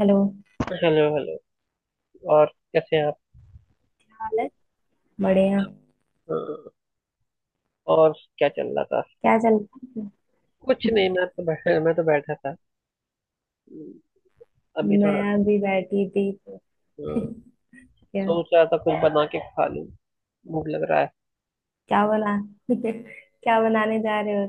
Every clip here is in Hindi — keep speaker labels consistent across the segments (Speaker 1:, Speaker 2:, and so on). Speaker 1: हेलो।
Speaker 2: Hello hello. और कैसे हैं आप?
Speaker 1: हाल है। बढ़िया।
Speaker 2: अ, और क्या चल रहा था।
Speaker 1: क्या चल रहा
Speaker 2: कुछ
Speaker 1: है?
Speaker 2: नहीं, मैं तो बैठा था। अम, अभी थोड़ा
Speaker 1: मैं अभी बैठी थी तो।
Speaker 2: अ,
Speaker 1: क्या?
Speaker 2: सोच रहा था कुछ बना के खा लूं। भूख लग रहा है।
Speaker 1: क्या बना क्या बनाने जा रहे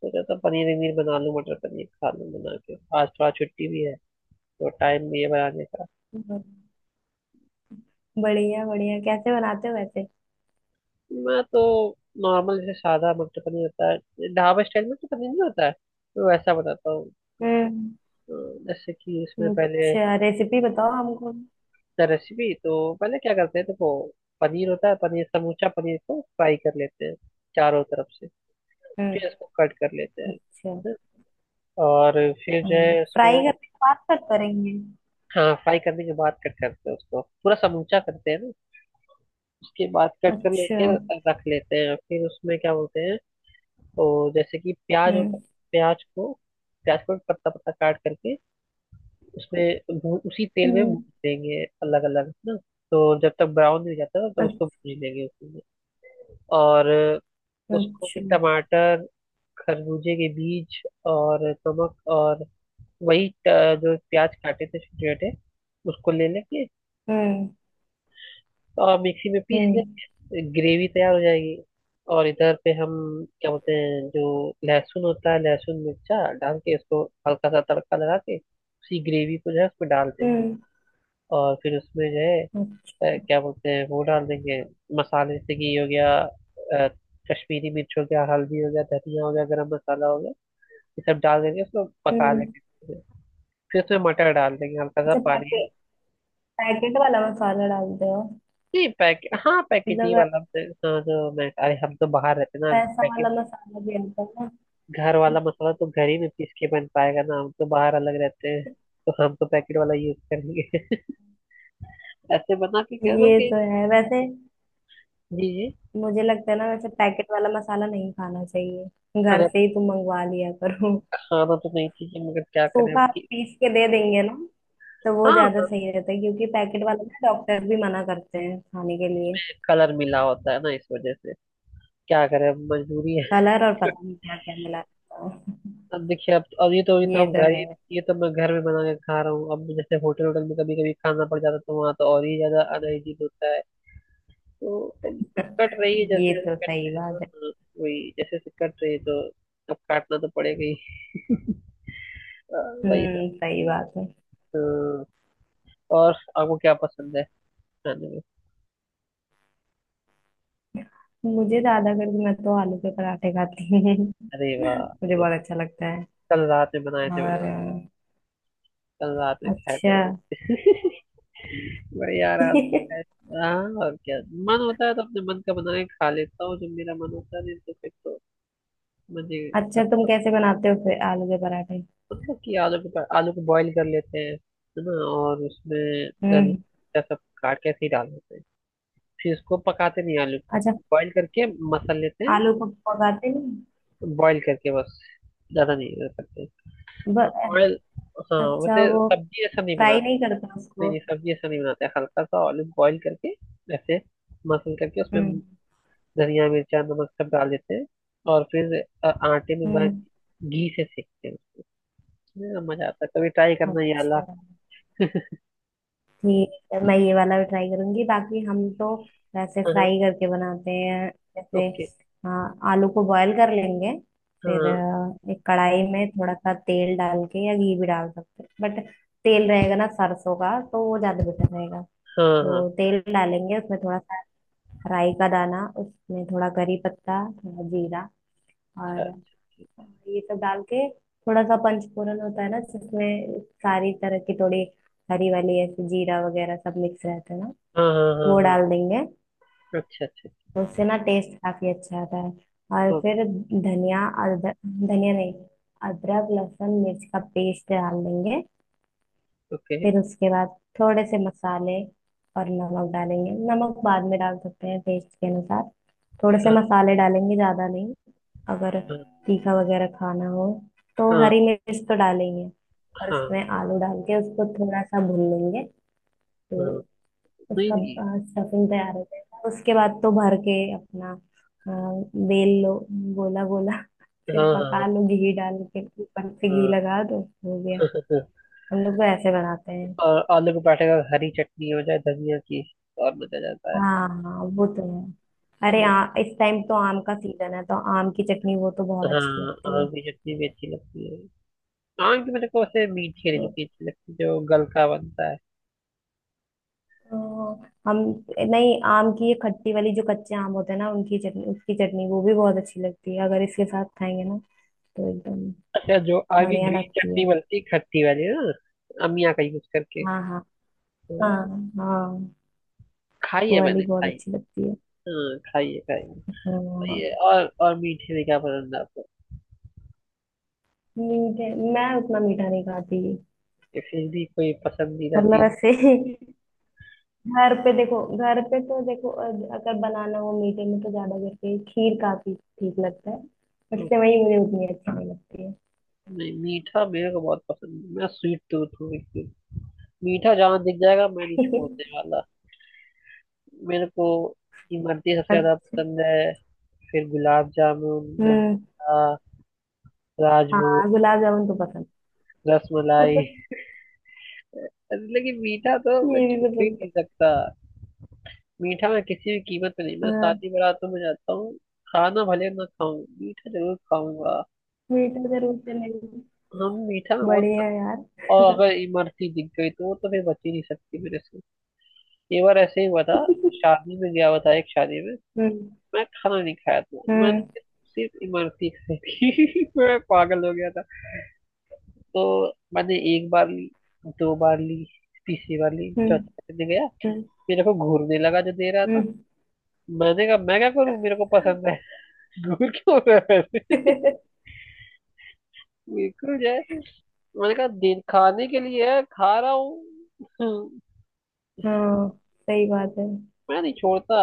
Speaker 2: सोच रहा था पनीर वनीर बना लूं, मटर पनीर खा लूं बना के। आज थोड़ा छुट्टी भी है तो टाइम भी है बनाने का।
Speaker 1: हो। बढ़िया बढ़िया, कैसे बनाते हो वैसे?
Speaker 2: मैं तो नॉर्मल, जैसे सादा मटर पनीर होता है ढाबा स्टाइल में, तो पनीर नहीं होता है तो वैसा बनाता हूँ।
Speaker 1: हम्म।
Speaker 2: अ, जैसे कि उसमें पहले
Speaker 1: अच्छा, रेसिपी बताओ हमको।
Speaker 2: द रेसिपी, तो पहले क्या करते हैं देखो। पनीर होता है, पनीर समूचा पनीर को फ्राई कर लेते हैं चारों तरफ से।
Speaker 1: हम्म।
Speaker 2: फिर इसको कट कर लेते हैं।
Speaker 1: अच्छा।
Speaker 2: हैं? और फिर जो
Speaker 1: हम्म,
Speaker 2: है
Speaker 1: फ्राई
Speaker 2: उसमें
Speaker 1: करने के बाद कट करेंगे?
Speaker 2: हाँ फ्राई करने के बाद कट करते हैं, उसको पूरा समूचा करते हैं ना, उसके बाद कट कर
Speaker 1: अच्छा।
Speaker 2: लेके रख लेते हैं। फिर उसमें क्या बोलते हैं तो जैसे कि प्याज होता है,
Speaker 1: हम्म।
Speaker 2: प्याज को प्याज को पत्ता पत्ता काट करके उसमें भून, उसी तेल में भून
Speaker 1: हम्म।
Speaker 2: देंगे अलग अलग ना। तो जब तक ब्राउन नहीं हो जाता ना तब उसको
Speaker 1: अच्छा।
Speaker 2: भून लेंगे उसमें। और उसको
Speaker 1: अच्छा।
Speaker 2: भी टमाटर, खरबूजे के बीज और नमक और वही जो प्याज काटे थे छोटे छोटे उसको ले लेंगे
Speaker 1: हम्म।
Speaker 2: और मिक्सी में पीस
Speaker 1: हम्म।
Speaker 2: लेंगे, ग्रेवी तैयार हो जाएगी। और इधर पे हम क्या बोलते हैं जो लहसुन होता है लहसुन मिर्चा डाल के उसको हल्का सा तड़का लगा के उसी ग्रेवी को जो है उसमें डाल देंगे।
Speaker 1: हम्म।
Speaker 2: और फिर उसमें जो है
Speaker 1: अच्छा।
Speaker 2: क्या बोलते हैं वो डाल देंगे, मसाले, जैसे कि ये हो गया कश्मीरी मिर्च हो गया, हल्दी हो गया, धनिया हो गया, गरम मसाला हो गया। ये सब डाल देंगे, उसको पका
Speaker 1: हम्म।
Speaker 2: लेंगे। फिर फिर उसमें मटर डाल देंगे, हल्का सा
Speaker 1: अच्छा,
Speaker 2: पानी।
Speaker 1: पैकेट? पैकेट वाला मसाला डालते हो?
Speaker 2: नहीं पैकेट, हाँ पैकेट ही
Speaker 1: मतलब
Speaker 2: वाला हाँ जो मैं, अरे हम तो बाहर रहते हैं ना
Speaker 1: पैसा वाला
Speaker 2: पैकेट,
Speaker 1: मसाला भी आता है ना।
Speaker 2: घर वाला मसाला तो घर ही में पीस के बन पाएगा ना, हम तो बाहर अलग रहते हैं तो हम तो पैकेट वाला यूज करेंगे ऐसे बना के कह दो
Speaker 1: ये
Speaker 2: कि।
Speaker 1: तो है वैसे।
Speaker 2: जी जी।
Speaker 1: मुझे लगता है ना वैसे पैकेट वाला मसाला नहीं खाना चाहिए,
Speaker 2: अरे
Speaker 1: घर
Speaker 2: अब,
Speaker 1: से ही तुम मंगवा लिया करो।
Speaker 2: खाना तो नहीं चाहिए मगर क्या करें अब
Speaker 1: सूखा
Speaker 2: कि।
Speaker 1: पीस के दे देंगे ना, तो वो
Speaker 2: हाँ,
Speaker 1: ज्यादा सही रहता है, क्योंकि पैकेट वाला ना डॉक्टर भी मना करते हैं खाने के लिए।
Speaker 2: कलर मिला होता है ना इस वजह से। क्या करें अब, मजबूरी है।
Speaker 1: कलर और पता नहीं क्या क्या मिला रहता
Speaker 2: अब देखिए, अब ये तो
Speaker 1: है। ये
Speaker 2: हम
Speaker 1: तो
Speaker 2: घर
Speaker 1: है,
Speaker 2: ही, ये तो मैं घर में बना के खा रहा हूँ। अब जैसे होटल, होटल में कभी कभी खाना पड़ जाता तो वहाँ तो और ही ज्यादा अनहाइजीन होता है। तो अब कट रही है
Speaker 1: ये
Speaker 2: जैसे
Speaker 1: तो
Speaker 2: जैसे कट
Speaker 1: सही
Speaker 2: रही है,
Speaker 1: बात
Speaker 2: हाँ,
Speaker 1: है।
Speaker 2: हाँ, वही जैसे जैसे कट रही है। तो अब काटना तो पड़ेगा ही। हाँ, वही सब।
Speaker 1: हम्म, सही बात है।
Speaker 2: हाँ, और आपको क्या पसंद है खाने में।
Speaker 1: मुझे ज्यादा करके, मैं तो आलू के पराठे खाती हूँ।
Speaker 2: अरे वाह,
Speaker 1: मुझे
Speaker 2: अरे वाह।
Speaker 1: बहुत अच्छा लगता है।
Speaker 2: कल रात में बनाए थे मैंने,
Speaker 1: और
Speaker 2: कल रात में खाए थे
Speaker 1: अच्छा।
Speaker 2: भाई। बढ़िया आराम से खाए थे। हाँ और क्या, मन होता है तो अपने मन का बना के खा लेता हूँ जब मेरा मन होता है, नहीं तो फिर तो मजे
Speaker 1: अच्छा, तुम
Speaker 2: करता
Speaker 1: कैसे बनाते हो फिर आलू के पराठे?
Speaker 2: हूँ। मतलब कि आलू को बॉईल कर लेते हैं, है ना, और उसमें
Speaker 1: हम्म।
Speaker 2: धनिया सब काट के ऐसे ही डाल देते हैं। फिर उसको पकाते नहीं आलू को,
Speaker 1: अच्छा,
Speaker 2: बॉईल करके मसल लेते हैं।
Speaker 1: आलू को पकाते नहीं?
Speaker 2: बॉईल करके बस, ज्यादा नहीं करते।
Speaker 1: ब,
Speaker 2: ऑयल हाँ
Speaker 1: अच्छा,
Speaker 2: वैसे
Speaker 1: वो
Speaker 2: सब्जी ऐसा नहीं
Speaker 1: फ्राई
Speaker 2: बनाते।
Speaker 1: नहीं करता
Speaker 2: नहीं
Speaker 1: उसको?
Speaker 2: नहीं सब्जी ऐसा नहीं बनाते हैं। हल्का सा ऑलिव बॉईल करके ऐसे मसल करके उसमें
Speaker 1: हम्म।
Speaker 2: धनिया मिर्चा नमक सब डाल देते हैं। और फिर आटे में भर
Speaker 1: हम्म।
Speaker 2: घी से सेकते हैं उसमें। हाँ, मजा आता है, कभी ट्राई करना ये वाला।
Speaker 1: अच्छा। ठीक है, मैं ये वाला भी ट्राई करूंगी, बाकी हम तो वैसे
Speaker 2: हाँ हाँ।
Speaker 1: फ्राई करके बनाते हैं, जैसे
Speaker 2: ओके।
Speaker 1: हाँ आलू को बॉयल कर लेंगे, फिर
Speaker 2: हाँ
Speaker 1: एक कढ़ाई में थोड़ा सा तेल डाल के, या घी भी डाल सकते हैं, बट तेल रहेगा ना सरसों का तो वो ज्यादा बेटर रहेगा।
Speaker 2: हाँ हाँ।
Speaker 1: तो तेल डालेंगे उसमें थोड़ा सा राई का दाना, उसमें थोड़ा करी पत्ता, थोड़ा जीरा,
Speaker 2: अच्छा
Speaker 1: और
Speaker 2: अच्छा, ठीक।
Speaker 1: ये सब डाल के, थोड़ा सा पंचफोरन होता है ना जिसमें सारी तरह की थोड़ी हरी वाली ऐसे जीरा वगैरह सब मिक्स रहता है ना,
Speaker 2: हाँ हाँ हाँ
Speaker 1: वो
Speaker 2: हाँ।
Speaker 1: डाल देंगे।
Speaker 2: अच्छा अच्छा।
Speaker 1: तो उससे ना टेस्ट काफी अच्छा आता है। और
Speaker 2: ओ-
Speaker 1: फिर धनिया, अदरक, धनिया नहीं, अदरक लहसुन मिर्च का पेस्ट डाल देंगे।
Speaker 2: ओके।
Speaker 1: फिर उसके बाद थोड़े से मसाले और नमक डालेंगे, नमक बाद में डाल सकते हैं टेस्ट के अनुसार। थोड़े से
Speaker 2: हाँ
Speaker 1: मसाले डालेंगे, ज्यादा नहीं। अगर
Speaker 2: हाँ
Speaker 1: तीखा वगैरह खाना हो तो
Speaker 2: हाँ
Speaker 1: हरी मिर्च तो डालेंगे, और
Speaker 2: हाँ
Speaker 1: उसमें आलू डाल के उसको थोड़ा सा भून लेंगे, तो
Speaker 2: हाँ। नहीं
Speaker 1: उसका
Speaker 2: नहीं।
Speaker 1: स्टफिंग तैयार हो जाएगा। उसके बाद तो भर के अपना, बेल लो, गोला गोला, फिर
Speaker 2: हाँ हाँ
Speaker 1: पका लो, घी डाल के ऊपर से घी
Speaker 2: हाँ
Speaker 1: लगा दो, हो गया।
Speaker 2: हाँ, हाँ।
Speaker 1: हम लोग तो ऐसे बनाते हैं।
Speaker 2: और आलू के पराठे का हरी चटनी हो जाए धनिया की और मजा आ जाता
Speaker 1: हाँ, हाँ, वो तो है। अरे
Speaker 2: है।
Speaker 1: इस टाइम तो आम का सीजन है, तो आम की चटनी वो तो बहुत
Speaker 2: हाँ
Speaker 1: अच्छी लगती
Speaker 2: आम
Speaker 1: है।
Speaker 2: की चटनी भी अच्छी लगती है। आम की मेरे को वैसे मीठी वाली
Speaker 1: तो,
Speaker 2: चटनी अच्छी लगती है जो गलका बनता है।
Speaker 1: तो हम, नहीं, आम की ये खट्टी वाली जो कच्चे आम होते हैं ना, उनकी चटनी, उसकी चटनी वो भी बहुत अच्छी लगती है। अगर इसके साथ खाएंगे ना तो एकदम
Speaker 2: अच्छा जो आम की
Speaker 1: बढ़िया
Speaker 2: ग्रीन
Speaker 1: लगती है।
Speaker 2: चटनी बनती है खट्टी वाली ना अमिया का यूज करके,
Speaker 1: हाँ हाँ हाँ
Speaker 2: तो
Speaker 1: हाँ,
Speaker 2: खाई
Speaker 1: वो
Speaker 2: है
Speaker 1: वाली
Speaker 2: मैंने,
Speaker 1: बहुत
Speaker 2: खाई।
Speaker 1: अच्छी लगती है।
Speaker 2: हाँ खाई है, खाई है, खाई
Speaker 1: हाँ।
Speaker 2: है। और मीठे में क्या पसंद है आपको,
Speaker 1: मीठे मैं उतना मीठा नहीं खाती।
Speaker 2: या फिर भी कोई पसंदीदा
Speaker 1: मतलब,
Speaker 2: चीज।
Speaker 1: ऐसे घर पे देखो, घर पे तो देखो, अगर बनाना हो मीठे में तो ज्यादा करके खीर काफी ठीक लगता है, बट सेवई मुझे उतनी अच्छी नहीं लगती है।
Speaker 2: नहीं मीठा मेरे को बहुत पसंद है, मैं स्वीट टूथ हूँ बिल्कुल। मीठा जहाँ दिख जाएगा मैं नहीं छोड़ने वाला। मेरे को इमरती सबसे ज्यादा
Speaker 1: अच्छा।
Speaker 2: पसंद है, फिर गुलाब जामुन,
Speaker 1: हम्म।
Speaker 2: रसगुल्ला, राजभोग,
Speaker 1: हाँ, गुलाब जामुन तो पसंद।
Speaker 2: रसमलाई। लेकिन मीठा तो मैं
Speaker 1: ये भी
Speaker 2: छू ही
Speaker 1: पसंद
Speaker 2: नहीं
Speaker 1: है।
Speaker 2: सकता। मीठा मैं किसी भी कीमत पे नहीं, मैं
Speaker 1: हाँ,
Speaker 2: शादी बारातों में जाता हूँ खाना भले ना खाऊं मीठा जरूर खाऊंगा।
Speaker 1: मीठा जरूर चलेगा।
Speaker 2: हम मीठा में बहुत खाते
Speaker 1: बढ़िया यार।
Speaker 2: हैं। और अगर इमरती दिख गई तो वो तो फिर बच ही नहीं सकती मेरे से। एक बार ऐसे ही हुआ था, शादी में गया हुआ था एक शादी में,
Speaker 1: हम्म।
Speaker 2: मैं खाना नहीं खाया था
Speaker 1: हम्म।
Speaker 2: मैंने, सिर्फ इमरती खाई थी। मैं पागल हो गया था। तो मैंने एक बार ली, दो बार ली, तीसरी बार ली,
Speaker 1: हम्म।
Speaker 2: चौथी दिन गया, मेरे को घूरने लगा जो दे रहा था।
Speaker 1: हम्म।
Speaker 2: मैंने कहा मैं क्या करूं, मेरे को पसंद है। घूर क्यों रहा है
Speaker 1: हम्म।
Speaker 2: बिल्कुल जो है, मैंने कहा दिन खाने के लिए है, खा रहा हूँ।
Speaker 1: हाँ, सही बात है।
Speaker 2: मैं नहीं छोड़ता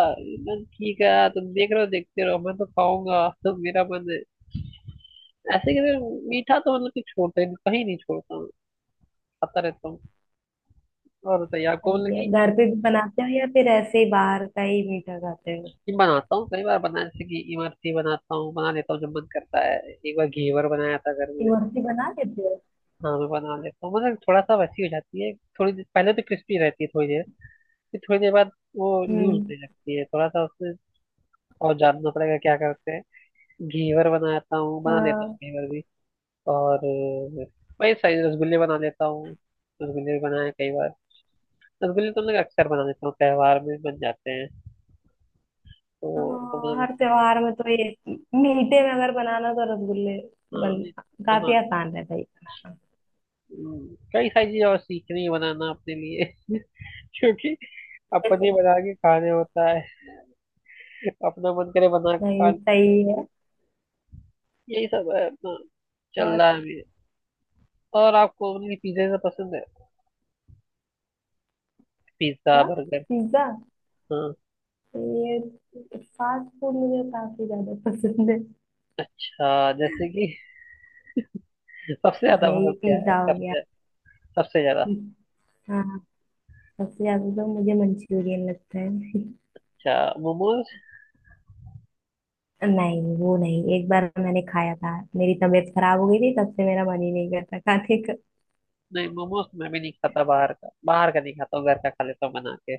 Speaker 2: मैं, ठीक है तुम देख रहे हो देखते रहो, मैं तो खाऊंगा तो मेरा मन है, ऐसे कहते हैं। मीठा तो मतलब कि छोड़ता ही कहीं नहीं छोड़ता मैं, खाता रहता हूँ। और बताइए आपको मतलब
Speaker 1: सही है,
Speaker 2: कि
Speaker 1: घर पे भी बनाते हो या फिर ऐसे ही बाहर का ही मीठा खाते हो?
Speaker 2: ये बनाता हूँ कई बार, बना जैसे कि इमरती बनाता हूँ, बना लेता हूँ जब मन करता है। एक बार घेवर बनाया था घर में।
Speaker 1: घर पे बना लेते हो?
Speaker 2: हाँ मैं बना लेता हूँ, मतलब थोड़ा सा वैसी हो जाती है, थोड़ी देर पहले तो क्रिस्पी रहती है थोड़ी देर, फिर थोड़ी देर बाद वो लूज
Speaker 1: हम्म।
Speaker 2: होने लगती है थोड़ा सा उसमें। और जानना पड़ेगा क्या करते हैं। घेवर बनाता हूँ, बना लेता हूँ
Speaker 1: हाँ,
Speaker 2: घेवर भी। और वही साइज रसगुल्ले बना लेता हूँ। रसगुल्ले भी बनाए कई बार। रसगुल्ले तो मैं अक्सर बना लेता हूँ, त्योहार में बन जाते हैं तो वो
Speaker 1: हाँ,
Speaker 2: बना लेता
Speaker 1: हर त्योहार में तो ये। मीठे में अगर बनाना तो रसगुल्ले।
Speaker 2: हूँ। हाँ,
Speaker 1: बन
Speaker 2: मैं
Speaker 1: काफी
Speaker 2: बना,
Speaker 1: आसान रहता है ये बनाना।
Speaker 2: कई सारी चीजें और सीखनी है बनाना अपने लिए। क्योंकि अपने बना के खाने होता है, अपना मन करे बना के खा
Speaker 1: नहीं,
Speaker 2: लो।
Speaker 1: सही है।
Speaker 2: यही सब है अपना, चल
Speaker 1: और
Speaker 2: रहा है अभी। और आपको उनकी पिज्जा से पसंद है, पिज्जा
Speaker 1: क्या?
Speaker 2: बर्गर।
Speaker 1: पिज्जा?
Speaker 2: हाँ।
Speaker 1: ये फास्ट फूड मुझे काफी ज्यादा पसंद है।
Speaker 2: अच्छा जैसे कि सबसे ज्यादा
Speaker 1: यही
Speaker 2: पसंद क्या है,
Speaker 1: पिज्जा हो गया।
Speaker 2: सबसे सबसे ज्यादा।
Speaker 1: हाँ। सबसे ज्यादा तो मुझे मंचूरियन लगता है।
Speaker 2: अच्छा, मोमोज।
Speaker 1: नहीं, वो नहीं, एक बार मैंने खाया था, मेरी तबीयत खराब हो गई थी, तब से मेरा मन ही नहीं करता खाने का।
Speaker 2: नहीं मोमोज तो मैं भी नहीं खाता, बाहर का, बाहर का नहीं खाता हूँ, घर का खा लेता हूँ बना के।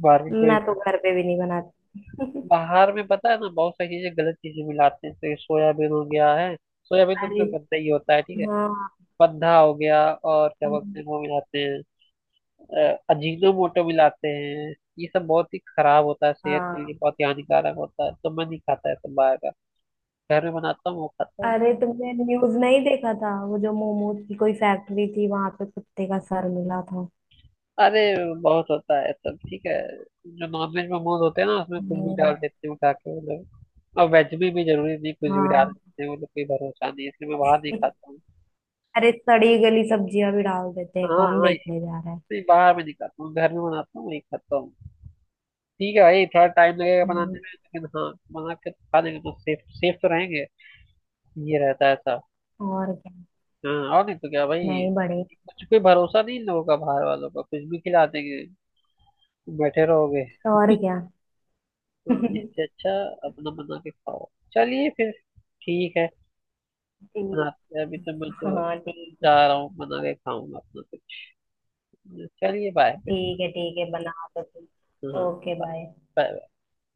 Speaker 2: बाहर का क्यों ही,
Speaker 1: मैं तो घर पे भी नहीं बनाती।
Speaker 2: बाहर में पता है ना बहुत सारी चीजें, गलत चीजें मिलाते हैं, तो ये सोयाबीन हो गया है, सोयाबीन
Speaker 1: अरे।
Speaker 2: तो गंदा ही होता है ठीक है,
Speaker 1: हाँ
Speaker 2: पद्धा हो गया और क्या बोलते हैं वो मिलाते हैं, अजीनोमोटो मिलाते हैं, ये सब बहुत ही खराब होता है सेहत के लिए,
Speaker 1: हाँ।
Speaker 2: बहुत ही हानिकारक होता है तो मैं नहीं खाता है सब बाहर का, घर में बनाता हूँ वो खाता हूँ।
Speaker 1: अरे तुमने न्यूज नहीं देखा था, वो जो मोमोज की कोई फैक्ट्री थी वहां पे कुत्ते का सर मिला था।
Speaker 2: अरे बहुत होता है सब ठीक है, जो नॉनवेज मोमोज होते हैं ना उसमें कुछ भी डाल
Speaker 1: वो,
Speaker 2: देते हैं उठा के वो लोग, और वेज में भी जरूरी नहीं, कुछ भी डाल
Speaker 1: हाँ।
Speaker 2: देते हैं वो लोग, कोई भरोसा नहीं है, इसलिए मैं बाहर नहीं खाता हूँ।
Speaker 1: अरे सड़ी गली सब्जियां भी डाल देते हैं,
Speaker 2: हाँ
Speaker 1: कौन
Speaker 2: हाँ।
Speaker 1: देखने जा रहा है।
Speaker 2: नहीं बाहर में नहीं खाता हूँ, घर में बनाता हूँ वही खाता हूँ। ठीक है भाई, थोड़ा टाइम लगेगा बनाने
Speaker 1: हम्म,
Speaker 2: में लेकिन हाँ बना के खा लेंगे तो सेफ, सेफ तो रहेंगे। ये रहता है ऐसा।
Speaker 1: और क्या।
Speaker 2: हाँ और नहीं तो क्या भाई,
Speaker 1: नहीं बड़े।
Speaker 2: कुछ कोई भरोसा नहीं इन लोगों का बाहर वालों का, कुछ भी खिला देंगे, बैठे रहोगे।
Speaker 1: और क्या।
Speaker 2: तो इससे अच्छा अपना बना के खाओ। चलिए फिर, ठीक है,
Speaker 1: ठीक।
Speaker 2: बनाते हैं। अभी तो मैं तो
Speaker 1: हाँ ठीक है।
Speaker 2: जा रहा हूँ, बना के खाऊंगा अपना कुछ। चलिए बाय फिर।
Speaker 1: ठीक है, ठीक है, बना दो तुम।
Speaker 2: हाँ
Speaker 1: ओके, बाय।
Speaker 2: bye, bye।